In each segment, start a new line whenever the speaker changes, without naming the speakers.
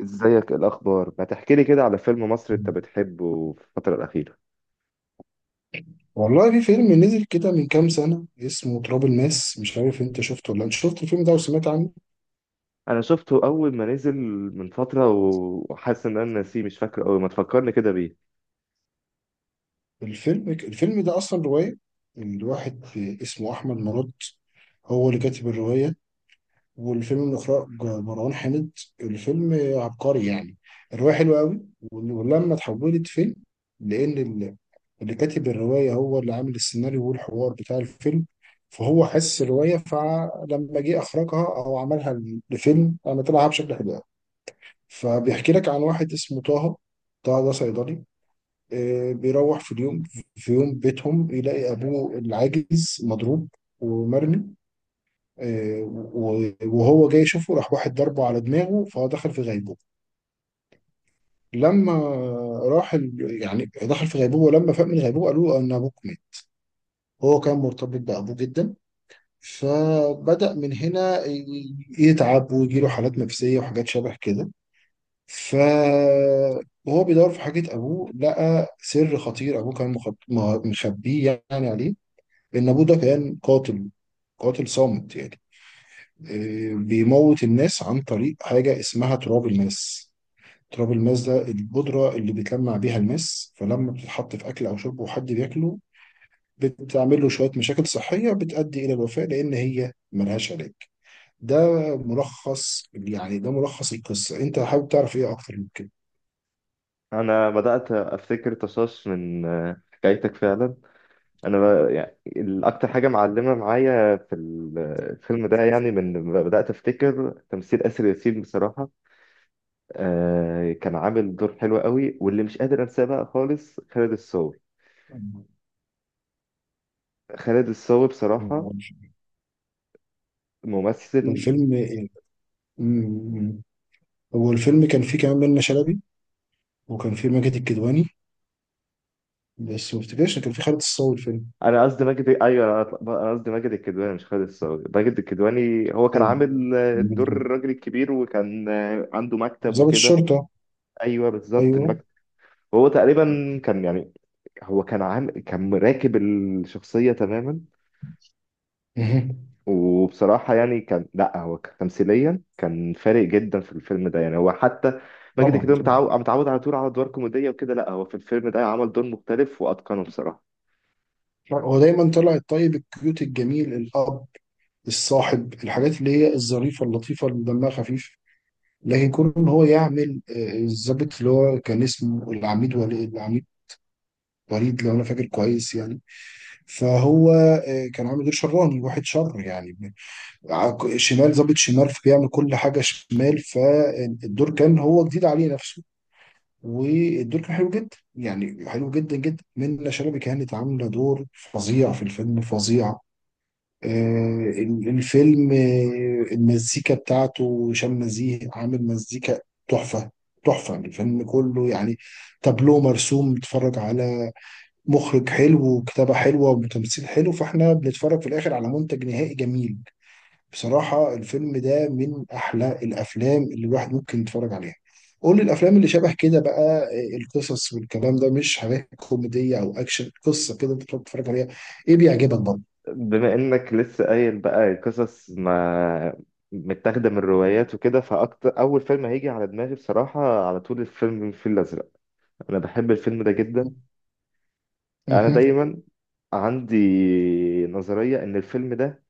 ازيك؟ إيه الاخبار؟ ما تحكي لي كده على فيلم مصري انت بتحبه في الفتره الاخيره.
والله في فيلم نزل كده من كام سنة اسمه تراب الماس، مش عارف انت شفته، ولا انت شفت الفيلم ده وسمعت عنه.
انا شفته اول ما نزل من فتره وحاسس ان انا ناسيه، مش فاكر قوي. ما تفكرني كده بيه.
الفيلم ده اصلا رواية، من واحد اسمه احمد مراد، هو اللي كاتب الرواية، والفيلم من اخراج مروان حامد. الفيلم عبقري يعني. الرواية حلوة قوي، ولما اتحولت فيلم، لان اللي كاتب الرواية هو اللي عامل السيناريو والحوار بتاع الفيلم، فهو حس الرواية، فلما جه اخرجها او عملها لفيلم عملها بشكل حلو. فبيحكي لك عن واحد اسمه طه. طه ده صيدلي. بيروح في يوم بيتهم، يلاقي أبوه العاجز مضروب ومرمي. آه، وهو جاي يشوفه، راح واحد ضربه على دماغه، فهو دخل في غيبوبة. لما يعني دخل في غيبوبة، ولما فاق من الغيبوبة قالوا له أن أبوك مات. هو كان مرتبط بأبوه جدا، فبدأ من هنا يتعب ويجيله حالات نفسية وحاجات شبه كده. فهو بيدور في حاجة أبوه، لقى سر خطير أبوه كان مخبيه يعني عليه، إن أبوه ده كان قاتل، قاتل صامت يعني. إيه، بيموت الناس عن طريق حاجة اسمها تراب الماس. تراب الماس ده البودرة اللي بيتلمع بيها الماس، فلما بتتحط في أكل أو شرب وحد بياكله، بتعمل له شوية مشاكل صحية بتؤدي إلى الوفاة، لأن هي ملهاش علاج. ده ملخص، يعني ده ملخص القصة. أنت حابب تعرف إيه أكتر من كده؟
انا بدات افتكر طشاش من حكايتك فعلا. انا يعني الاكتر حاجه معلمه معايا في الفيلم ده يعني من لما بدات افتكر تمثيل اسر ياسين بصراحه. كان عامل دور حلو قوي. واللي مش قادر انساه بقى خالص خالد الصاوي. خالد الصاوي بصراحه ممثل.
الفيلم مم. هو الفيلم كان فيه كمان منة شلبي، وكان فيه ماجد الكدواني، بس ما افتكرش إن كان فيه خالد الصاوي الفيلم.
انا قصدي ماجد، ايوه، انا قصدي ماجد الكدواني مش خالد الصاوي. ماجد الكدواني هو كان عامل دور
ايوه،
الراجل الكبير، وكان عنده مكتب
ضابط
وكده.
الشرطه.
ايوه بالظبط
ايوه.
المكتب. هو تقريبا كان يعني هو كان عامل، كان راكب الشخصيه تماما.
مه.
وبصراحه يعني كان، لا هو تمثيليا كان فارق جدا في الفيلم ده، يعني هو حتى ماجد
طبعا.
الكدواني متعود على طول على ادوار كوميديه وكده. لا هو في الفيلم ده عمل دور مختلف واتقنه بصراحه.
هو دايما طلع الطيب الكيوت الجميل الاب، الصاحب، الحاجات اللي هي الظريفه اللطيفه اللي دمها خفيف. لكن كون ان هو يعمل الضابط، اللي هو كان اسمه العميد ولي، العميد وليد لو انا فاكر كويس يعني. فهو كان عامل دور شراني، واحد شر يعني. شمال، ظابط شمال، فبيعمل كل حاجه شمال، فالدور كان هو جديد عليه نفسه. والدور كان حلو جدا، يعني حلو جدا جدا. منة شلبي كانت عامله دور فظيع في الفيلم، فظيع. الفيلم، المزيكا بتاعته هشام نزيه، عامل مزيكا تحفه. تحفه. الفيلم كله يعني، تابلو مرسوم، بتتفرج على مخرج حلو وكتابه حلوه وتمثيل حلو، فاحنا بنتفرج في الاخر على منتج نهائي جميل. بصراحة الفيلم ده من أحلى الأفلام اللي الواحد ممكن يتفرج عليها. قول لي الأفلام اللي شبه كده بقى، القصص والكلام ده، مش حاجات كوميدية أو أكشن، قصة كده أنت بتقعد تتفرج عليها، إيه بيعجبك برضه؟
بما انك لسه قايل بقى قصص ما متاخده من روايات وكده، فاكتر اول فيلم هيجي على دماغي بصراحه على طول الفيلم، الفيل الازرق. انا بحب الفيلم ده جدا. انا
مهم.
دايما عندي نظريه ان الفيلم ده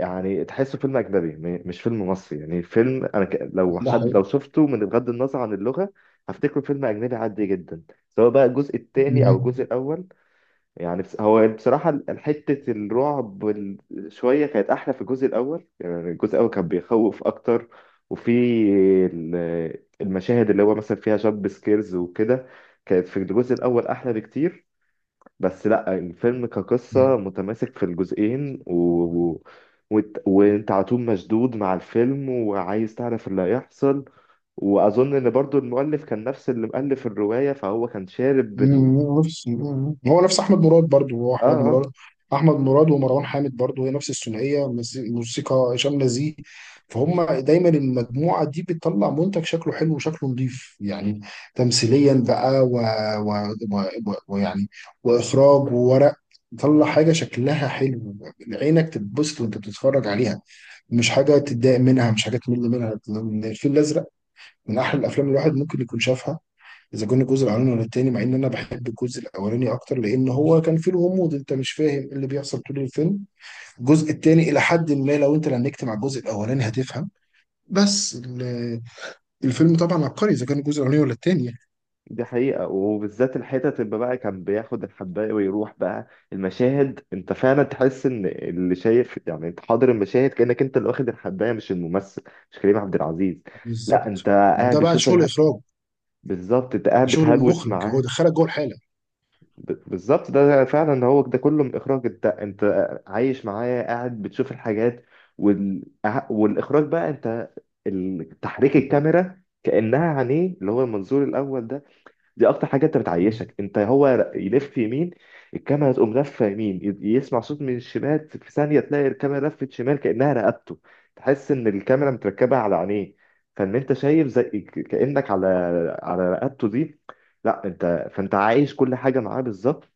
يعني تحسه فيلم اجنبي، مش فيلم مصري. يعني فيلم انا لو
ده
حد،
حقيقي.
لو شفته من بغض النظر عن اللغه هفتكره فيلم اجنبي عادي جدا، سواء بقى الجزء الثاني او الجزء الاول. يعني بس هو بصراحة حتة الرعب شوية كانت أحلى في الجزء الأول. يعني الجزء الأول كان بيخوف أكتر. وفي المشاهد اللي هو مثلا فيها جامب سكيرز وكده، كانت في الجزء الأول أحلى بكتير. بس لأ، الفيلم
مهم.
كقصة متماسك في الجزئين و... و... وأنت على طول مشدود مع الفيلم وعايز تعرف اللي هيحصل. وأظن إن برضو المؤلف كان نفس اللي مؤلف الرواية، فهو كان شارب
مم، نفس مم. هو نفس احمد مراد، برضو هو
آه
احمد مراد.
آه.
احمد مراد ومروان حامد، برضو هي نفس الثنائيه، موسيقى هشام نزيه. فهم دايما المجموعه دي بتطلع منتج شكله حلو وشكله نظيف يعني. تمثيليا بقى، و... ويعني واخراج وورق، طلع حاجه شكلها حلو، عينك تتبسط وانت بتتفرج عليها، مش حاجه تتضايق منها، مش حاجه تمل منها. الفيل الازرق من احلى الافلام اللي الواحد ممكن يكون شافها، اذا كان الجزء الاولاني ولا التاني، مع ان انا بحب الجزء الاولاني اكتر، لان هو كان فيه الغموض، انت مش فاهم إيه اللي بيحصل طول الفيلم. الجزء التاني الى حد ما لو انت لنكت مع الجزء الاولاني هتفهم، بس الفيلم طبعا عبقري اذا كان الجزء الاولاني ولا التاني يعني.
دي حقيقة. وبالذات الحتت اللي بقى كان بياخد الحباية ويروح بقى، المشاهد، انت فعلا تحس ان اللي شايف، يعني انت حاضر المشاهد كأنك انت اللي واخد الحباية مش الممثل، مش كريم عبد العزيز. لا انت
بالظبط.
قاعد
وده بقى
بتشوف
شغل اخراج،
بالظبط. انت
ده
قاعد
شغل
بتهلوس
المخرج، هو
معاه.
دخلك جوه الحاله.
بالظبط، ده فعلا هو ده كله من اخراج. انت انت عايش معاه، قاعد بتشوف الحاجات أه، والاخراج بقى، انت تحريك الكاميرا كأنها عينيه، اللي هو المنظور الأول ده، دي اكتر حاجه انت بتعيشك انت. هو يلف يمين، الكاميرا تقوم لفه يمين. يسمع صوت من الشمال، في ثانيه تلاقي الكاميرا لفت شمال كانها رقبته. تحس ان الكاميرا متركبه على عينيه، فان انت شايف زي كانك على على رقبته دي. لا انت، فانت عايش كل حاجه معاه بالظبط.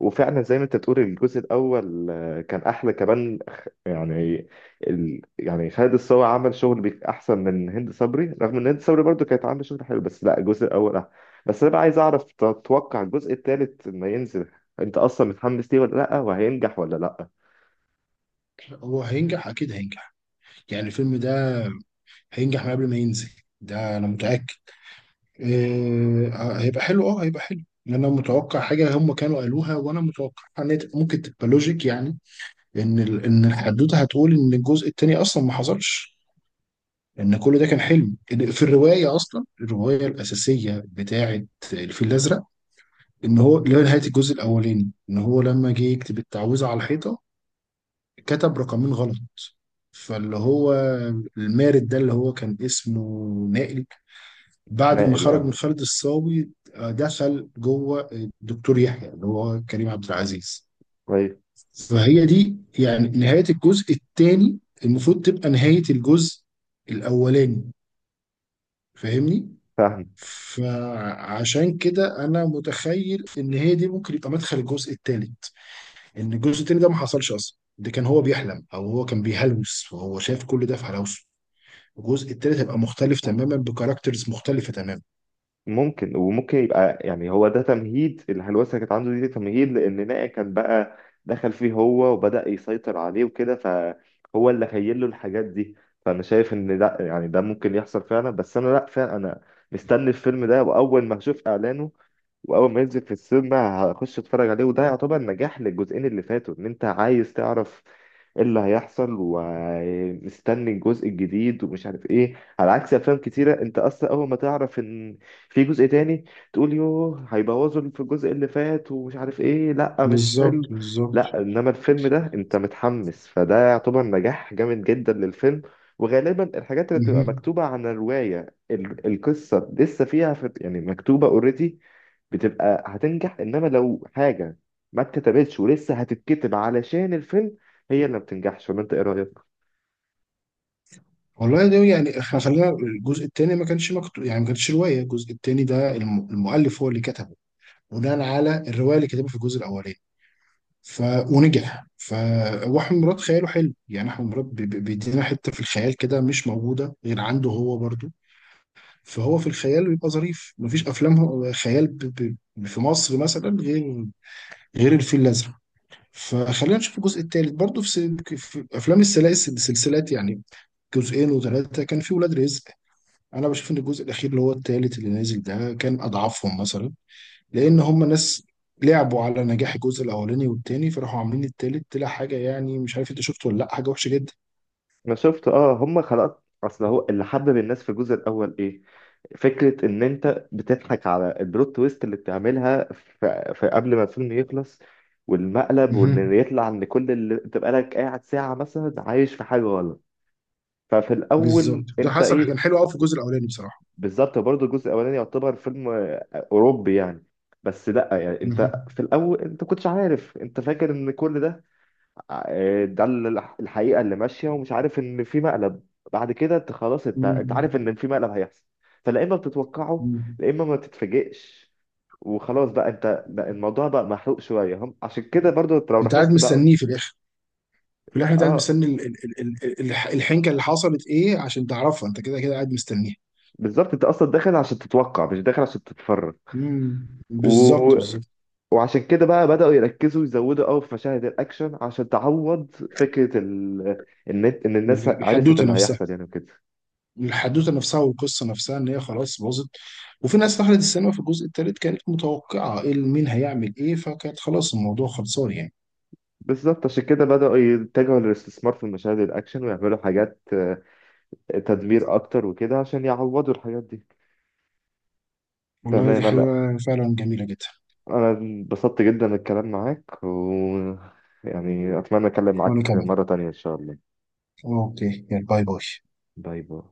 وفعلا زي ما انت بتقول الجزء الاول كان احلى كمان. يعني يعني خالد الصاوي عمل شغل احسن من هند صبري، رغم ان هند صبري برضو كانت عامله شغل حلو. بس لا، الجزء الاول احلى. بس انا بقى عايز اعرف، تتوقع الجزء الثالث لما ينزل، انت اصلا متحمس ليه ولا لا؟ وهينجح ولا لا؟
هو هينجح، اكيد هينجح. يعني الفيلم ده هينجح من قبل ما ينزل، ده انا متاكد. إيه، هيبقى حلو ان انا متوقع حاجه هم كانوا قالوها، وانا متوقع ان هي ممكن تبقى لوجيك يعني. ان الحدوته هتقول ان الجزء الثاني اصلا ما حصلش، ان كل ده كان حلم، إن في الروايه اصلا، الروايه الاساسيه بتاعه الفيل الازرق، ان هو اللي هي نهايه الجزء الاولاني، ان هو لما جه يكتب التعويذه على الحيطه كتب رقمين غلط. فاللي هو المارد ده اللي هو كان اسمه نائل، بعد ما
ناقل،
خرج
اه.
من خالد الصاوي دخل جوه الدكتور يحيى اللي هو كريم عبد العزيز.
طيب.
فهي دي يعني نهاية الجزء الثاني، المفروض تبقى نهاية الجزء الأولاني. فاهمني؟
فاهمك.
فعشان كده أنا متخيل إن هي دي ممكن يبقى مدخل الجزء الثالث، إن الجزء الثاني ده ما حصلش أصلا، ده كان هو بيحلم، أو هو كان بيهلوس وهو شايف كل ده في هلوسه. الجزء الثالث هيبقى مختلف تماما، بكاركترز مختلفة تماما.
ممكن، وممكن يبقى يعني هو ده تمهيد الهلوسه اللي كانت عنده دي، تمهيد لان نائع كان بقى دخل فيه هو وبدأ يسيطر عليه وكده، فهو اللي خيل له الحاجات دي. فانا شايف ان لا، يعني ده ممكن يحصل فعلا. بس انا لا فعلا، انا مستني الفيلم ده، واول ما اشوف اعلانه واول ما ينزل في السينما هخش اتفرج عليه. وده يعتبر نجاح للجزئين اللي فاتوا، ان انت عايز تعرف ايه اللي هيحصل ومستني الجزء الجديد ومش عارف ايه. على عكس افلام كتيره انت اصلا اول ما تعرف ان في جزء تاني تقول يوه، هيبوظوا اللي في الجزء اللي فات ومش عارف ايه، لا مش
بالظبط،
حلو.
بالظبط.
لا انما الفيلم ده انت متحمس، فده يعتبر نجاح جامد جدا للفيلم. وغالبا الحاجات اللي بتبقى
مهم.
مكتوبة عن الرواية القصة لسه فيها، في يعني مكتوبة اوريدي، بتبقى هتنجح. انما لو حاجه ما اتكتبتش ولسه هتتكتب علشان الفيلم، هي اللي ما بتنجحش. ولا انت ايه رايك؟
والله ده يعني، احنا خلينا الجزء الثاني ما كانش مكتوب، يعني ما كانتش روايه. الجزء الثاني ده المؤلف هو اللي كتبه بناء على الروايه اللي كتبها في الجزء الاولاني. ف ونجح. واحمد مراد خياله حلو، يعني احمد مراد بيدينا حته في الخيال كده، مش موجوده غير عنده هو برضو. فهو في الخيال بيبقى ظريف، مفيش افلام خيال في مصر مثلا غير الفيل الازرق. فخلينا نشوف الجزء الثالث برضو في افلام السلاسل، السلسلات يعني، جزئين وثلاثه، كان في ولاد رزق. انا بشوف ان الجزء الاخير اللي هو التالت اللي نازل ده كان اضعفهم مثلا، لان هم ناس لعبوا على نجاح الجزء الاولاني والتاني، فراحوا عاملين التالت طلع حاجه يعني، مش عارف انت شفته ولا لا، حاجه وحشه جدا.
انا شفت، اه. هم خلقت، اصل هو اللي حبب الناس في الجزء الاول ايه؟ فكره ان انت بتضحك على البلوت تويست اللي بتعملها في قبل ما الفيلم يخلص، والمقلب،
مهم.
وان يطلع ان كل اللي تبقى لك قاعد ساعه مثلا عايش في حاجه غلط. ففي
بالظبط،
الاول
ده
انت
حصل، كان
ايه،
حلو قوي في الجزء الاولاني بصراحه.
بالظبط برضه. الجزء الاولاني يعتبر فيلم اوروبي يعني. بس لا، يعني
مهم.
انت في الاول انت كنتش عارف، انت فاكر ان كل ده ده الحقيقه اللي ماشيه، ومش عارف ان في مقلب. بعد كده انت خلاص، انت انت
مهم.
عارف ان في مقلب هيحصل، فلا اما بتتوقعه
مهم.
لا اما ما تتفاجئش. وخلاص بقى، انت بقى الموضوع بقى محروق شويه. هم عشان كده برضو، انت لو
انت قاعد
لاحظت بقى،
مستنيه في الاخر. انت قاعد
اه،
مستني الحنكه اللي حصلت ايه عشان تعرفها، انت كده كده قاعد مستنيها.
بالظبط. انت اصلا داخل عشان تتوقع مش داخل عشان تتفرج.
مهم.
و...
بالظبط، بالظبط.
وعشان كده بقى بدأوا يركزوا يزودوا قوي في مشاهد الأكشن عشان تعوض فكرة إن الناس عرفت
الحدوته
اللي
نفسها،
هيحصل يعني وكده.
الحدوته نفسها والقصه نفسها، ان هي خلاص باظت. وفي ناس دخلت السينما في الجزء الثالث كانت متوقعه ايه مين هيعمل ايه، فكانت خلاص الموضوع خلصان يعني.
بالظبط، عشان كده بدأوا يتجهوا للاستثمار في مشاهد الأكشن ويعملوا حاجات تدمير أكتر وكده عشان يعوضوا الحاجات دي.
والله دي
تمام. أنا
حاجه فعلا جميله جدا.
أنا انبسطت جدا من الكلام معاك، و يعني أتمنى أتكلم
وانا
معاك
كمان.
مرة تانية إن شاء الله.
اوكي، يلا، باي باي.
باي باي.